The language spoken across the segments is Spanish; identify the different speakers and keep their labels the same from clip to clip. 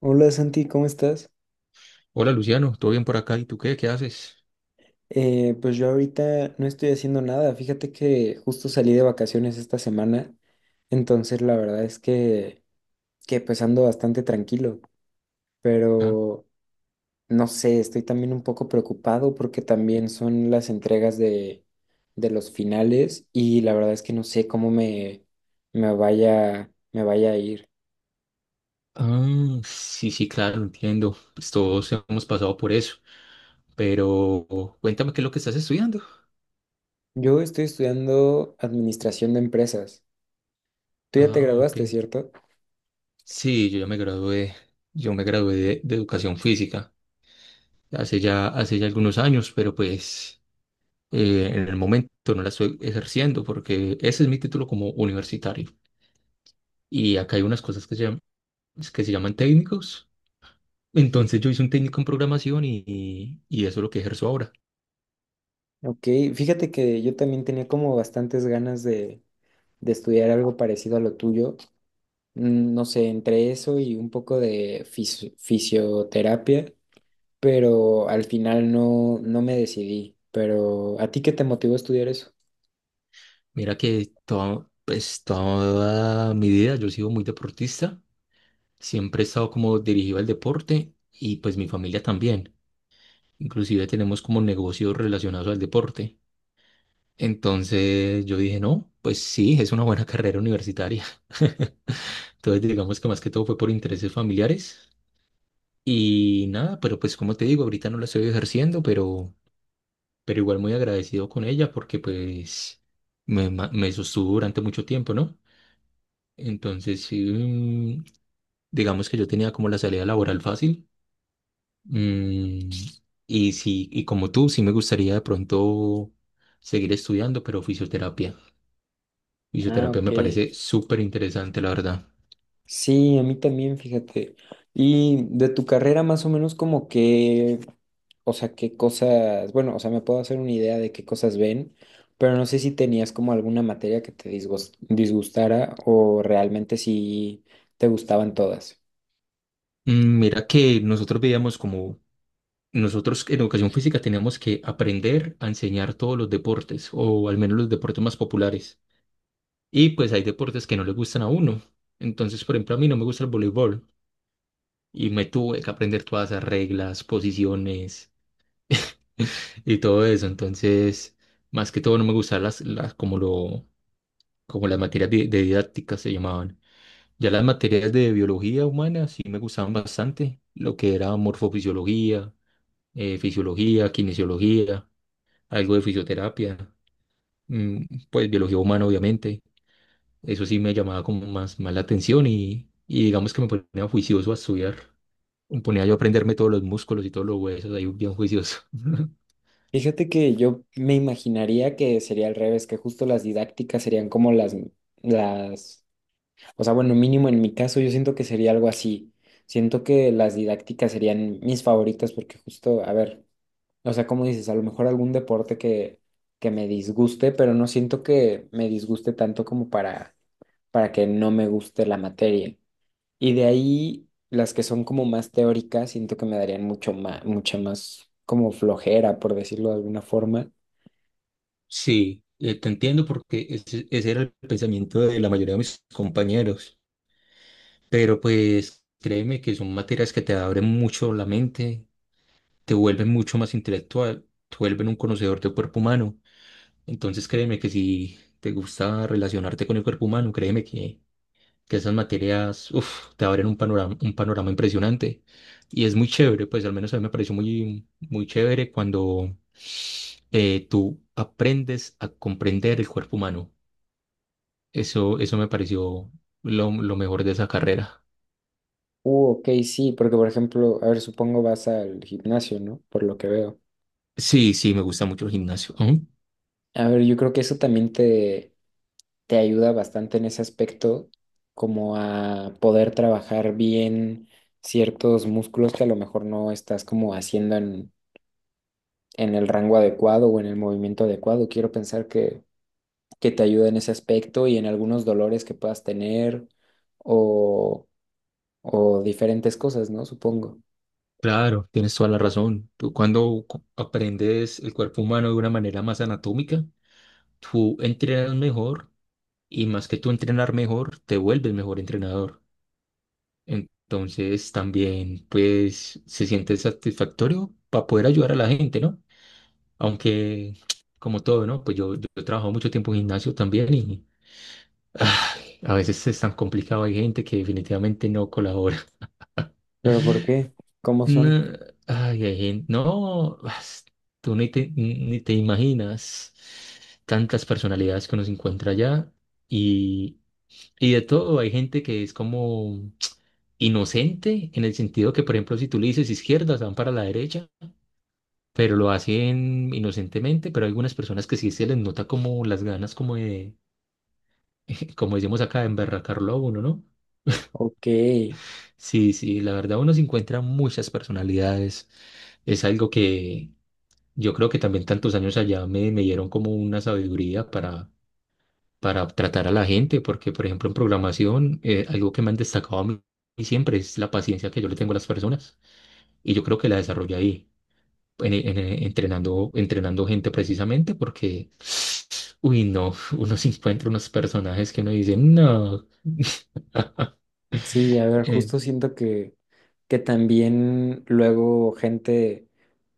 Speaker 1: Hola Santi, ¿cómo estás?
Speaker 2: Hola Luciano, ¿todo bien por acá? ¿Y tú qué? ¿Qué haces?
Speaker 1: Pues yo ahorita no estoy haciendo nada. Fíjate que justo salí de vacaciones esta semana, entonces la verdad es que ando bastante tranquilo,
Speaker 2: Ah,
Speaker 1: pero no sé, estoy también un poco preocupado porque también son las entregas de los finales y la verdad es que no sé cómo me vaya a ir.
Speaker 2: ah, sí, sí, claro, entiendo. Pues todos hemos pasado por eso. Pero cuéntame qué es lo que estás estudiando.
Speaker 1: Yo estoy estudiando administración de empresas. Tú ya te
Speaker 2: Ah, ok.
Speaker 1: graduaste, ¿cierto?
Speaker 2: Sí, yo ya me gradué. Yo me gradué de educación física hace ya algunos años, pero pues en el momento no la estoy ejerciendo porque ese es mi título como universitario. Y acá hay unas cosas que se llaman técnicos. Entonces yo hice un técnico en programación y eso es lo que ejerzo ahora.
Speaker 1: Ok, fíjate que yo también tenía como bastantes ganas de estudiar algo parecido a lo tuyo. No sé, entre eso y un poco de fisioterapia, pero al final no, no me decidí. Pero ¿a ti qué te motivó a estudiar eso?
Speaker 2: Mira que toda, pues, toda mi vida yo he sido muy deportista, siempre he estado como dirigido al deporte y pues mi familia también. Inclusive tenemos como negocios relacionados al deporte. Entonces yo dije, no, pues sí, es una buena carrera universitaria. Entonces digamos que más que todo fue por intereses familiares y nada, pero pues como te digo, ahorita no la estoy ejerciendo, pero igual muy agradecido con ella porque pues me sostuvo durante mucho tiempo, ¿no? Entonces, sí, digamos que yo tenía como la salida laboral fácil. Mm, y sí, y como tú, sí me gustaría de pronto seguir estudiando, pero fisioterapia.
Speaker 1: Ah,
Speaker 2: Fisioterapia
Speaker 1: ok.
Speaker 2: me parece súper interesante, la verdad.
Speaker 1: Sí, a mí también, fíjate. Y de tu carrera más o menos como que, o sea, qué cosas, bueno, o sea, me puedo hacer una idea de qué cosas ven, pero no sé si tenías como alguna materia que te disgustara o realmente si te gustaban todas.
Speaker 2: Mira que nosotros veíamos como, nosotros en educación física teníamos que aprender a enseñar todos los deportes, o al menos los deportes más populares. Y pues hay deportes que no le gustan a uno. Entonces, por ejemplo, a mí no me gusta el voleibol. Y me tuve que aprender todas esas reglas, posiciones y todo eso. Entonces, más que todo no me gustaban las como lo, como las materias de didáctica se llamaban. Ya las materias de biología humana sí me gustaban bastante, lo que era morfofisiología, fisiología, kinesiología, algo de fisioterapia, mm, pues biología humana obviamente. Eso sí me llamaba como más, más la atención y digamos que me ponía juicioso a estudiar. Me ponía yo a aprenderme todos los músculos y todos los huesos ahí bien juicioso.
Speaker 1: Fíjate que yo me imaginaría que sería al revés, que justo las didácticas serían como las, o sea, bueno, mínimo en mi caso yo siento que sería algo así. Siento que las didácticas serían mis favoritas porque justo, a ver. O sea, como dices, a lo mejor algún deporte que me disguste, pero no siento que me disguste tanto como para que no me guste la materia. Y de ahí, las que son como más teóricas, siento que me darían mucho más, mucha más como flojera, por decirlo de alguna forma.
Speaker 2: Sí, te entiendo porque ese era el pensamiento de la mayoría de mis compañeros, pero pues créeme que son materias que te abren mucho la mente, te vuelven mucho más intelectual, te vuelven un conocedor del cuerpo humano. Entonces créeme que si te gusta relacionarte con el cuerpo humano, créeme que esas materias, uf, te abren un panorama impresionante. Y es muy chévere, pues al menos a mí me pareció muy, muy chévere cuando tú aprendes a comprender el cuerpo humano. Eso me pareció lo mejor de esa carrera.
Speaker 1: Ok, sí, porque por ejemplo, a ver, supongo vas al gimnasio, ¿no? Por lo que veo.
Speaker 2: Sí, sí, me gusta mucho el gimnasio. Ujú.
Speaker 1: A ver, yo creo que eso también te ayuda bastante en ese aspecto, como a poder trabajar bien ciertos músculos que a lo mejor no estás como haciendo en el rango adecuado o en el movimiento adecuado. Quiero pensar que te ayuda en ese aspecto y en algunos dolores que puedas tener o, o diferentes cosas, ¿no? Supongo.
Speaker 2: Claro, tienes toda la razón. Tú cuando aprendes el cuerpo humano de una manera más anatómica, tú entrenas mejor y más que tú entrenar mejor, te vuelves mejor entrenador. Entonces también pues se siente satisfactorio para poder ayudar a la gente, ¿no? Aunque como todo, ¿no? Pues yo he trabajado mucho tiempo en gimnasio también y ay, a veces es tan complicado, hay gente que definitivamente no colabora.
Speaker 1: ¿Pero por qué? ¿Cómo
Speaker 2: No,
Speaker 1: son?
Speaker 2: ay, hay gente, no, tú ni te imaginas tantas personalidades que uno se encuentra allá. Y de todo, hay gente que es como inocente, en el sentido que, por ejemplo, si tú le dices izquierda, se van para la derecha, pero lo hacen inocentemente, pero hay algunas personas que sí se les nota como las ganas como de, como decimos acá, de emberracarlo a uno, ¿no?
Speaker 1: Ok.
Speaker 2: Sí, sí, la verdad uno se encuentra muchas personalidades. Es algo que yo creo que también tantos años allá me dieron como una sabiduría para tratar a la gente, porque por ejemplo en programación algo que me han destacado a mí siempre es la paciencia que yo le tengo a las personas y yo creo que la desarrollé ahí, entrenando, entrenando gente precisamente porque, uy, no, uno se encuentra unos personajes que uno dice, no,
Speaker 1: Sí, a ver,
Speaker 2: eh,
Speaker 1: justo siento que también luego gente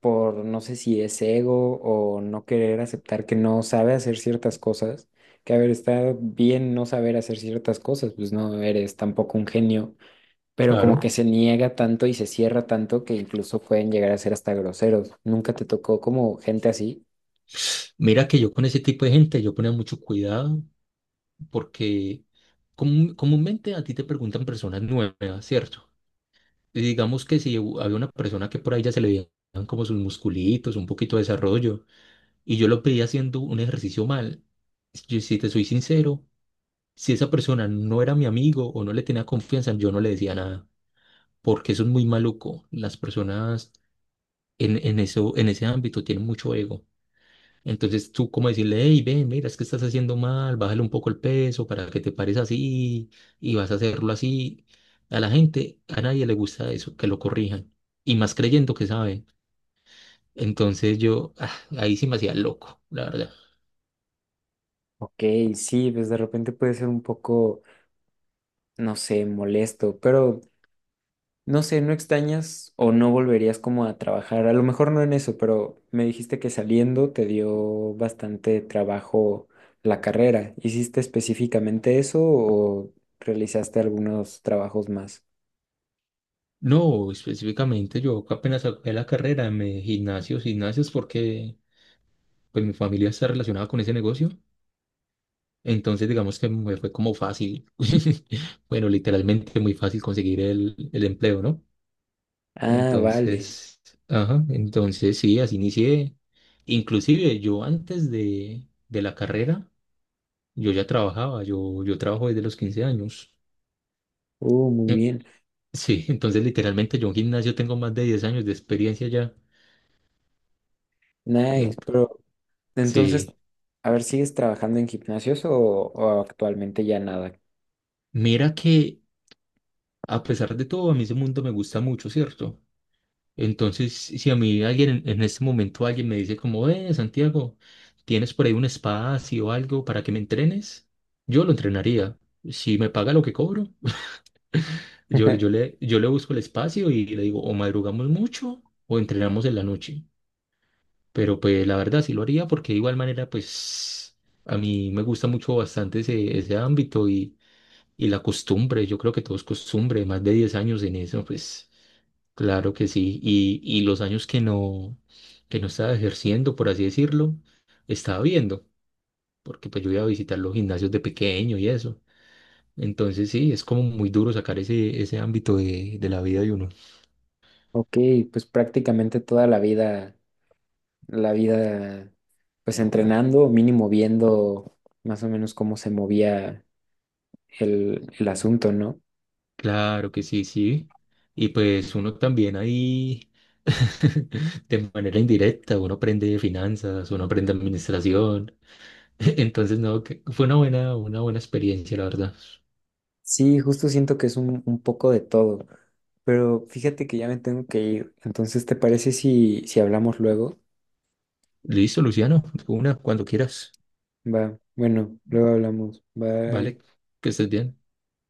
Speaker 1: por no sé si es ego o no querer aceptar que no sabe hacer ciertas cosas, que a ver, está bien no saber hacer ciertas cosas, pues no eres tampoco un genio, pero como
Speaker 2: claro,
Speaker 1: que se niega tanto y se cierra tanto que incluso pueden llegar a ser hasta groseros. ¿Nunca te tocó como gente así?
Speaker 2: mira que yo con ese tipo de gente yo ponía mucho cuidado porque comúnmente a ti te preguntan personas nuevas, ¿cierto? Y digamos que si había una persona que por ahí ya se le veían como sus musculitos, un poquito de desarrollo, y yo lo pedí haciendo un ejercicio mal, yo, si te soy sincero, si esa persona no era mi amigo o no le tenía confianza, yo no le decía nada, porque eso es muy maluco. Las personas en eso, en ese ámbito tienen mucho ego. Entonces tú como decirle, hey, ven, mira, es que estás haciendo mal, bájale un poco el peso para que te pares así y vas a hacerlo así. A la gente, a nadie le gusta eso, que lo corrijan. Y más creyendo que saben. Entonces yo, ah, ahí sí me hacía loco, la verdad.
Speaker 1: Ok, sí, pues de repente puede ser un poco, no sé, molesto, pero... No sé, ¿no extrañas o no volverías como a trabajar? A lo mejor no en eso, pero me dijiste que saliendo te dio bastante trabajo la carrera. ¿Hiciste específicamente eso o realizaste algunos trabajos más?
Speaker 2: No, específicamente yo apenas acabé la carrera, me gimnasios, gimnasios, porque pues mi familia está relacionada con ese negocio. Entonces digamos que me fue como fácil, bueno, literalmente muy fácil conseguir el empleo, ¿no?
Speaker 1: Ah, vale.
Speaker 2: Entonces, ajá, entonces sí, así inicié. Inclusive yo antes de la carrera, yo ya trabajaba, yo trabajo desde los 15 años.
Speaker 1: Muy
Speaker 2: Mm,
Speaker 1: bien.
Speaker 2: Sí, entonces literalmente yo en gimnasio tengo más de 10 años de experiencia ya.
Speaker 1: Nice.
Speaker 2: Ent-
Speaker 1: Pero entonces,
Speaker 2: sí,
Speaker 1: a ver, ¿sigues trabajando en gimnasios o actualmente ya nada?
Speaker 2: mira que a pesar de todo, a mí ese mundo me gusta mucho, ¿cierto? Entonces, si a mí alguien en este momento alguien me dice como, Santiago, ¿tienes por ahí un espacio o algo para que me entrenes? Yo lo entrenaría. Si me paga lo que cobro, yo le busco el espacio y le digo, o madrugamos mucho o entrenamos en la noche. Pero pues la verdad sí lo haría porque de igual manera pues a mí me gusta mucho bastante ese, ese ámbito y la costumbre, yo creo que todo es costumbre, más de 10 años en eso, pues claro que sí. Y los años que no estaba ejerciendo, por así decirlo, estaba viendo, porque pues yo iba a visitar los gimnasios de pequeño y eso. Entonces sí, es como muy duro sacar ese, ese ámbito de la vida de uno.
Speaker 1: Ok, pues prácticamente toda la vida. La vida, pues entrenando, mínimo viendo más o menos cómo se movía el asunto, ¿no?
Speaker 2: Claro que sí, sí. Y pues uno también ahí, de manera indirecta, uno aprende finanzas, uno aprende administración. Entonces, no, que fue una buena experiencia, la verdad.
Speaker 1: Sí, justo siento que es un poco de todo, pero fíjate que ya me tengo que ir, entonces, ¿te parece si hablamos luego?
Speaker 2: Listo, Luciano, una, cuando quieras.
Speaker 1: Va, bueno, luego hablamos,
Speaker 2: Vale,
Speaker 1: bye.
Speaker 2: que estés bien.